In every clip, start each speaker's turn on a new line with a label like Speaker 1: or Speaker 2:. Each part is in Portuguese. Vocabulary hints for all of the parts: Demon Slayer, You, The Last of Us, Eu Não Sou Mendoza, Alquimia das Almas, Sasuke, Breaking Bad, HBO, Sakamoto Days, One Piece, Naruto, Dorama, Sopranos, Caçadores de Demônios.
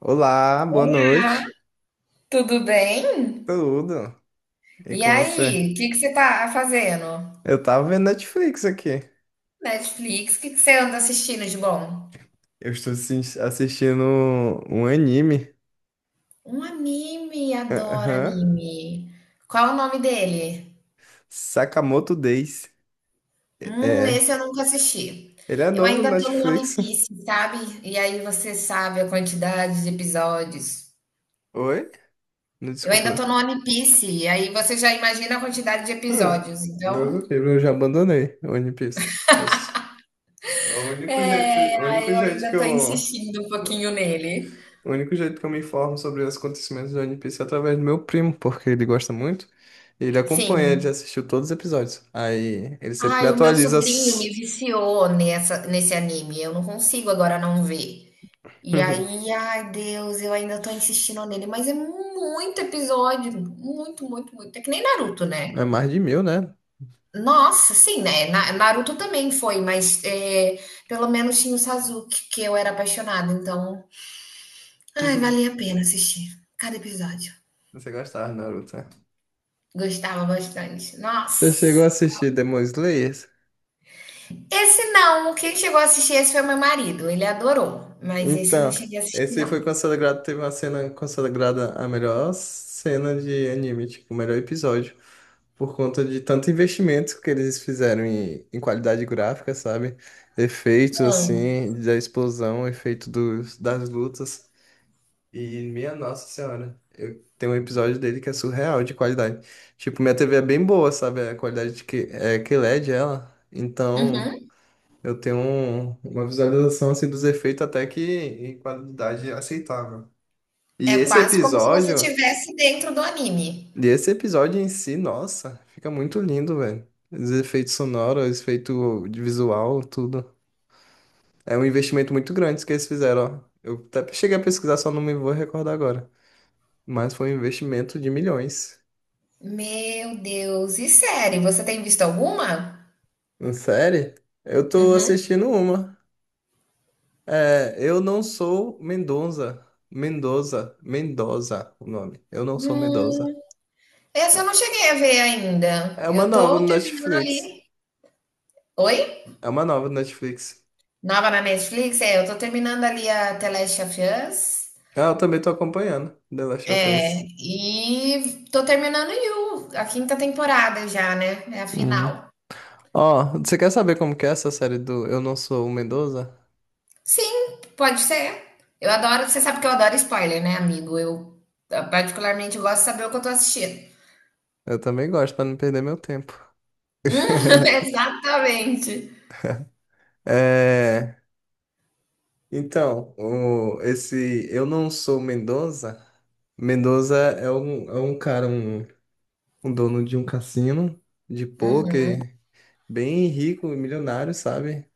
Speaker 1: Olá, boa
Speaker 2: Oi,
Speaker 1: noite.
Speaker 2: tudo bem?
Speaker 1: Tudo? E
Speaker 2: E
Speaker 1: com você?
Speaker 2: aí, o que que você tá fazendo?
Speaker 1: Eu tava vendo Netflix aqui.
Speaker 2: Netflix, o que que você anda assistindo de bom?
Speaker 1: Eu estou assistindo um anime.
Speaker 2: Um anime, adoro
Speaker 1: Aham.
Speaker 2: anime. Qual é o nome dele?
Speaker 1: Sakamoto Days. É.
Speaker 2: Esse eu nunca assisti.
Speaker 1: Ele é
Speaker 2: Eu
Speaker 1: novo no
Speaker 2: ainda tô no One
Speaker 1: Netflix.
Speaker 2: Piece, sabe? E aí você sabe a quantidade de episódios.
Speaker 1: Oi? Não,
Speaker 2: Eu
Speaker 1: desculpa.
Speaker 2: ainda
Speaker 1: Não.
Speaker 2: tô no One Piece, e aí você já imagina a quantidade de
Speaker 1: Hum,
Speaker 2: episódios. Então,
Speaker 1: Deus do livro, eu já abandonei o One Piece. Eu s-
Speaker 2: é,
Speaker 1: o único
Speaker 2: aí eu
Speaker 1: jeito que
Speaker 2: ainda tô
Speaker 1: eu
Speaker 2: insistindo um pouquinho nele.
Speaker 1: O único jeito que eu me informo sobre os acontecimentos do One Piece é através do meu primo, porque ele gosta muito. E ele acompanha, ele
Speaker 2: Sim,
Speaker 1: já assistiu todos os episódios. Aí ele sempre me
Speaker 2: ai, o meu
Speaker 1: atualiza.
Speaker 2: sobrinho me
Speaker 1: As-
Speaker 2: viciou nesse anime. Eu não consigo agora não ver. E aí, ai, Deus, eu ainda tô insistindo nele, mas é muito episódio, muito, muito, muito. É que nem Naruto, né?
Speaker 1: É mais de mil, né?
Speaker 2: Nossa, sim, né? Naruto também foi, mas é, pelo menos tinha o Sasuke, que eu era apaixonada, então, ai, valia a pena assistir cada episódio.
Speaker 1: Você gostava, Naruto? Né?
Speaker 2: Gostava bastante.
Speaker 1: Você chegou a
Speaker 2: Nossa.
Speaker 1: assistir Demon Slayer?
Speaker 2: Esse não, quem chegou a assistir esse foi meu marido, ele adorou, mas esse eu não
Speaker 1: Então,
Speaker 2: cheguei a assistir
Speaker 1: esse foi
Speaker 2: não.
Speaker 1: consagrado. Teve uma cena consagrada a melhor cena de anime, tipo, o melhor episódio. Por conta de tanto investimento que eles fizeram em qualidade gráfica, sabe? Efeitos,
Speaker 2: Hã.
Speaker 1: assim, da explosão, efeito das lutas. E, minha Nossa Senhora, eu tenho um episódio dele que é surreal de qualidade. Tipo, minha TV é bem boa, sabe? A qualidade de que, é que LED ela. Então,
Speaker 2: Uhum.
Speaker 1: eu tenho uma visualização, assim, dos efeitos até que em qualidade aceitável. E
Speaker 2: É
Speaker 1: esse
Speaker 2: quase como se você
Speaker 1: episódio.
Speaker 2: estivesse dentro do anime.
Speaker 1: E esse episódio em si, nossa, fica muito lindo, velho. Os efeitos sonoros, os efeitos de visual, tudo. É um investimento muito grande que eles fizeram, ó. Eu até cheguei a pesquisar, só não me vou recordar agora. Mas foi um investimento de milhões.
Speaker 2: Meu Deus, e série, você tem visto alguma?
Speaker 1: Uma série? Eu tô
Speaker 2: Uhum.
Speaker 1: assistindo uma. É, Eu Não Sou Mendonça. Mendoza. Mendoza, o nome. Eu Não Sou Mendoza.
Speaker 2: Hum, essa eu não cheguei a ver ainda,
Speaker 1: É uma
Speaker 2: eu
Speaker 1: nova
Speaker 2: tô
Speaker 1: no
Speaker 2: terminando
Speaker 1: Netflix.
Speaker 2: ali. Oi?
Speaker 1: É uma nova no Netflix.
Speaker 2: Nova na Netflix? É, eu tô terminando ali a The Last of Us,
Speaker 1: Ah, eu também tô acompanhando The Last of
Speaker 2: é,
Speaker 1: Us.
Speaker 2: e tô terminando You, a quinta temporada já, né, é a
Speaker 1: Uhum.
Speaker 2: final.
Speaker 1: Ó, você quer saber como que é essa série do Eu Não Sou o Mendoza?
Speaker 2: Sim, pode ser. Eu adoro, você sabe que eu adoro spoiler, né, amigo? Eu, ah, particularmente gosto de saber o que eu tô assistindo.
Speaker 1: Eu também gosto, pra não perder meu tempo.
Speaker 2: Hum, exatamente.
Speaker 1: É, então, esse Eu Não Sou o Mendoza. Mendoza é um cara, um dono de um cassino de pôquer, bem rico, milionário, sabe?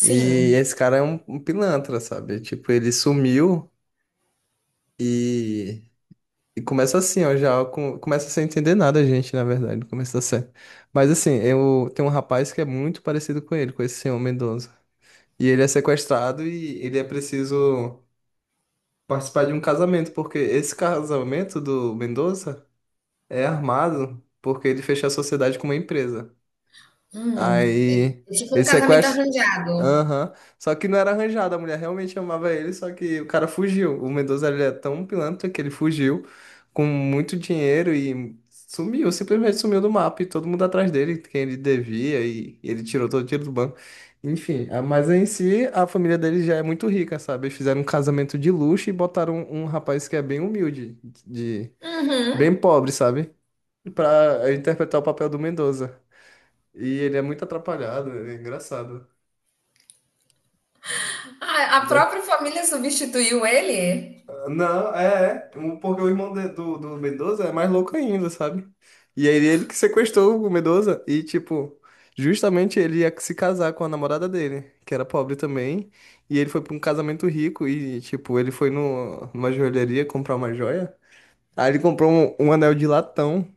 Speaker 1: E esse cara é um, um pilantra, sabe? Tipo, ele sumiu. E E começa assim, ó, começa sem entender nada a gente, na verdade, no começo da série. Mas assim, eu tem um rapaz que é muito parecido com ele, com esse senhor Mendoza. E ele é sequestrado e ele é preciso participar de um casamento, porque esse casamento do Mendoza é armado, porque ele fechou a sociedade com uma empresa.
Speaker 2: Hum. É
Speaker 1: Aí
Speaker 2: é tipo um
Speaker 1: ele
Speaker 2: casamento
Speaker 1: sequestra.
Speaker 2: arranjado.
Speaker 1: Aham. Só que não era arranjado, a mulher realmente amava ele, só que o cara fugiu. O Mendoza ele é tão pilantra que ele fugiu com muito dinheiro e sumiu, simplesmente sumiu do mapa e todo mundo atrás dele, quem ele devia, e ele tirou todo o dinheiro do banco. Enfim, mas em si a família dele já é muito rica, sabe? Eles fizeram um casamento de luxo e botaram um, um rapaz que é bem humilde, de bem
Speaker 2: Uhum.
Speaker 1: pobre, sabe? Pra interpretar o papel do Mendoza. E ele é muito atrapalhado, ele é engraçado.
Speaker 2: A própria família substituiu ele
Speaker 1: Não, é, é. Porque o irmão do, do Mendoza é mais louco ainda, sabe? E aí ele que sequestrou o Mendoza e, tipo, justamente ele ia se casar com a namorada dele, que era pobre também. E ele foi pra um casamento rico e, tipo, ele foi no, numa joalheria comprar uma joia. Aí ele comprou um, um anel de latão.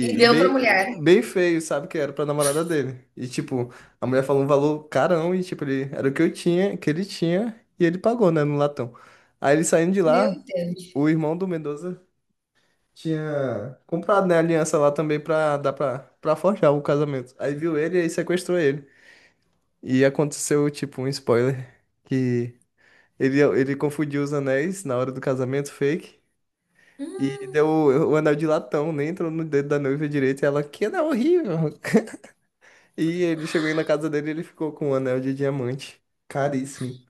Speaker 2: e deu pra
Speaker 1: bem,
Speaker 2: mulher.
Speaker 1: bem feio, sabe? Que era pra namorada dele. E, tipo, a mulher falou um valor carão e, tipo, ele, era o que eu tinha, que ele tinha, e ele pagou, né, no latão. Aí ele saindo de
Speaker 2: Meu
Speaker 1: lá,
Speaker 2: Deus.
Speaker 1: o irmão do Mendoza tinha comprado, né, a aliança lá também pra dar pra, pra forjar o casamento. Aí viu ele e aí sequestrou ele. E aconteceu, tipo, um spoiler, que ele confundiu os anéis na hora do casamento fake. E deu o anel de latão, nem entrou no dedo da noiva direito. E ela, que anel horrível! E ele chegou aí na casa dele e ele ficou com um anel de diamante. Caríssimo.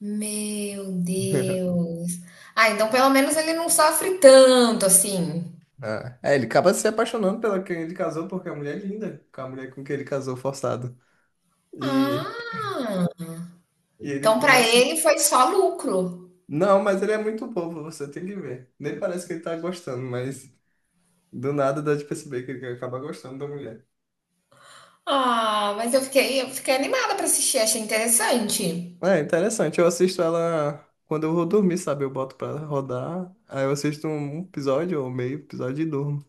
Speaker 2: Meu Deus. Ah, então pelo menos ele não sofre tanto assim.
Speaker 1: Ah. É, ele acaba se apaixonando pela quem ele casou, porque a mulher é linda, com a mulher com quem ele casou forçado. E,
Speaker 2: Ah,
Speaker 1: e ele
Speaker 2: então pra
Speaker 1: começa.
Speaker 2: ele foi só lucro.
Speaker 1: Não, mas ele é muito bobo, você tem que ver. Nem parece que ele tá gostando, mas do nada dá de perceber que ele acaba gostando da mulher.
Speaker 2: Ah, mas eu fiquei animada pra assistir, achei interessante.
Speaker 1: É interessante, eu assisto ela quando eu vou dormir, sabe? Eu boto pra rodar, aí eu assisto um episódio ou meio episódio e durmo.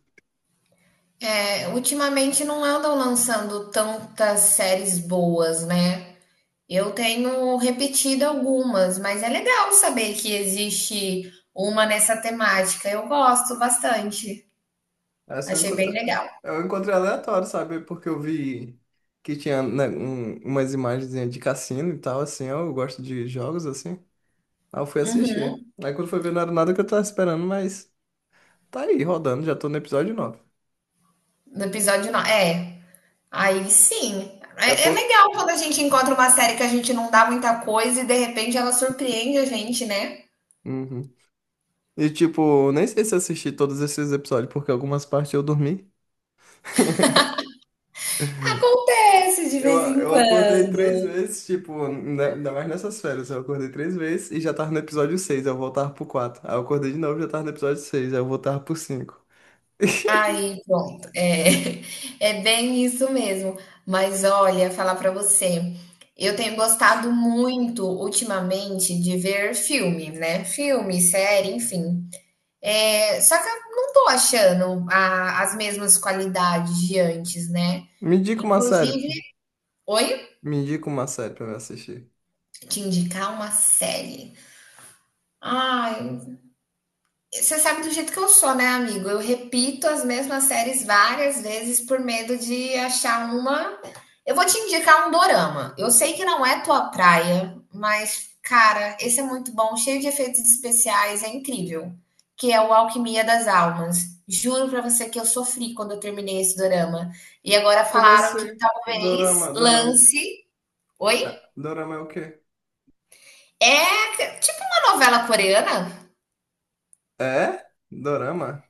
Speaker 2: É, ultimamente não andam lançando tantas séries boas, né? Eu tenho repetido algumas, mas é legal saber que existe uma nessa temática. Eu gosto bastante.
Speaker 1: Essa
Speaker 2: Achei bem legal.
Speaker 1: eu encontrei aleatório, sabe? Porque eu vi que tinha, né, umas imagens de cassino e tal, assim. Eu gosto de jogos, assim. Aí eu fui
Speaker 2: Uhum.
Speaker 1: assistir. Aí quando foi ver, não era nada que eu tava esperando, mas tá aí, rodando. Já tô no episódio nove.
Speaker 2: No episódio 9. É, aí sim.
Speaker 1: É
Speaker 2: É, é
Speaker 1: por...
Speaker 2: legal quando a gente encontra uma série que a gente não dá muita coisa e de repente ela surpreende a gente, né?
Speaker 1: Uhum. E, tipo, nem sei se eu assisti todos esses episódios, porque algumas partes eu dormi.
Speaker 2: Acontece de
Speaker 1: Eu,
Speaker 2: vez em
Speaker 1: eu acordei três
Speaker 2: quando.
Speaker 1: vezes, tipo, né, ainda mais nessas férias. Eu acordei três vezes e já tava no episódio 6 eu voltava pro quatro. Aí eu acordei de novo e já tava no episódio seis aí eu voltava pro cinco.
Speaker 2: Aí, pronto. É, é bem isso mesmo. Mas olha, falar pra você, eu tenho gostado muito ultimamente de ver filme, né? Filme, série, enfim. É, só que eu não tô achando as mesmas qualidades de antes, né?
Speaker 1: Me indica uma série,
Speaker 2: Inclusive,
Speaker 1: pô.
Speaker 2: oi?
Speaker 1: Me indica uma série pra eu assistir.
Speaker 2: Te indicar uma série. Ai, você sabe do jeito que eu sou, né, amigo? Eu repito as mesmas séries várias vezes por medo de achar uma. Eu vou te indicar um dorama. Eu sei que não é tua praia, mas, cara, esse é muito bom, cheio de efeitos especiais, é incrível. Que é o Alquimia das Almas. Juro pra você que eu sofri quando eu terminei esse dorama. E agora
Speaker 1: Como
Speaker 2: falaram que
Speaker 1: assim?
Speaker 2: talvez
Speaker 1: Dorama.
Speaker 2: lance.
Speaker 1: Ah,
Speaker 2: Oi?
Speaker 1: Dorama é o quê?
Speaker 2: É tipo uma novela coreana.
Speaker 1: É? Dorama?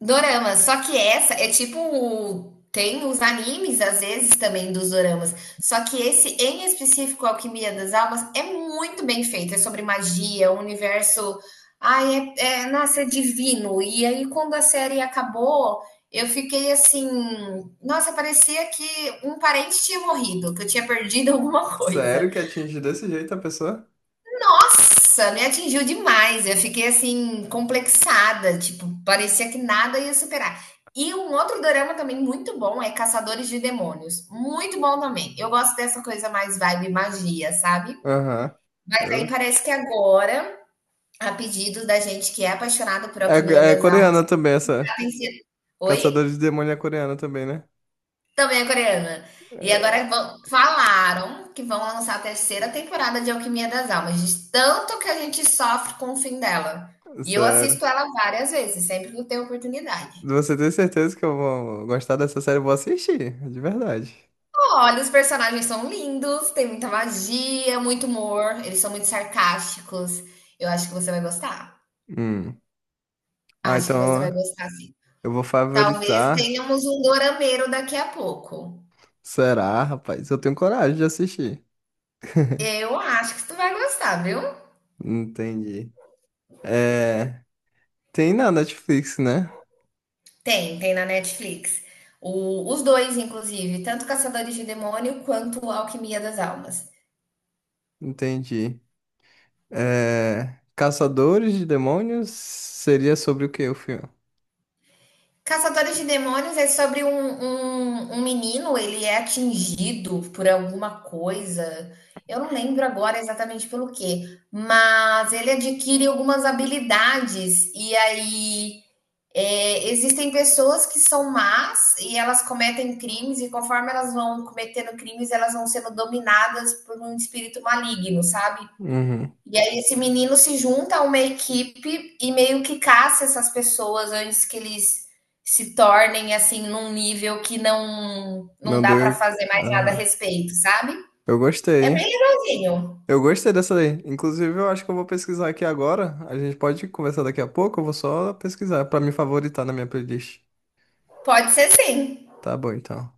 Speaker 2: Dorama, só que essa é tipo. Tem os animes, às vezes, também dos doramas. Só que esse, em específico, Alquimia das Almas, é muito bem feito. É sobre magia, o universo. Ai, é, é, nossa, é divino. E aí, quando a série acabou, eu fiquei assim. Nossa, parecia que um parente tinha morrido, que eu tinha perdido alguma coisa.
Speaker 1: Sério que atinge desse jeito a pessoa?
Speaker 2: Nossa, me atingiu demais. Eu fiquei assim, complexada. Tipo, parecia que nada ia superar. E um outro dorama também muito bom é Caçadores de Demônios. Muito bom também. Eu gosto dessa coisa mais vibe magia, sabe?
Speaker 1: Aham.
Speaker 2: Mas aí
Speaker 1: Eu-
Speaker 2: parece que agora, a pedido da gente que é apaixonado por
Speaker 1: É,
Speaker 2: Alquimia
Speaker 1: é
Speaker 2: das Almas,
Speaker 1: coreana também essa.
Speaker 2: tá tem. Oi?
Speaker 1: Caçadores de Demônio é coreana também, né?
Speaker 2: Também é coreana. E agora
Speaker 1: É,
Speaker 2: falaram que vão lançar a 3ª temporada de Alquimia das Almas, de tanto que a gente sofre com o fim dela. E eu
Speaker 1: sério.
Speaker 2: assisto ela várias vezes, sempre que eu tenho oportunidade.
Speaker 1: Você tem certeza que eu vou gostar dessa série? Eu vou assistir, de verdade.
Speaker 2: Olha, os personagens são lindos, tem muita magia, muito humor, eles são muito sarcásticos. Eu acho que você vai gostar.
Speaker 1: Hum. Ah,
Speaker 2: Acho que você vai
Speaker 1: então
Speaker 2: gostar, sim.
Speaker 1: eu vou
Speaker 2: Talvez
Speaker 1: favoritar.
Speaker 2: tenhamos um dorameiro daqui a pouco.
Speaker 1: Será, rapaz? Eu tenho coragem de assistir.
Speaker 2: Eu acho que tu vai gostar, viu?
Speaker 1: Entendi. É, tem na Netflix, né?
Speaker 2: Tem, tem na Netflix. Os dois, inclusive, tanto Caçadores de Demônio quanto Alquimia das Almas.
Speaker 1: Entendi. É, Caçadores de Demônios seria sobre o quê o filme?
Speaker 2: Caçadores de Demônios é sobre um, um, um menino, ele é atingido por alguma coisa. Eu não lembro agora exatamente pelo quê, mas ele adquire algumas habilidades. E aí é, existem pessoas que são más e elas cometem crimes, e conforme elas vão cometendo crimes, elas vão sendo dominadas por um espírito maligno, sabe?
Speaker 1: Uhum.
Speaker 2: E aí esse menino se junta a uma equipe e meio que caça essas pessoas antes que eles se tornem assim num nível que não
Speaker 1: Não
Speaker 2: dá pra
Speaker 1: deu.
Speaker 2: fazer mais nada a
Speaker 1: Aham.
Speaker 2: respeito, sabe?
Speaker 1: Eu gostei,
Speaker 2: É bem
Speaker 1: hein?
Speaker 2: legalzinho.
Speaker 1: Eu gostei dessa daí. Inclusive, eu acho que eu vou pesquisar aqui agora. A gente pode conversar daqui a pouco. Eu vou só pesquisar pra me favoritar na minha playlist.
Speaker 2: Pode ser sim.
Speaker 1: Tá bom, então.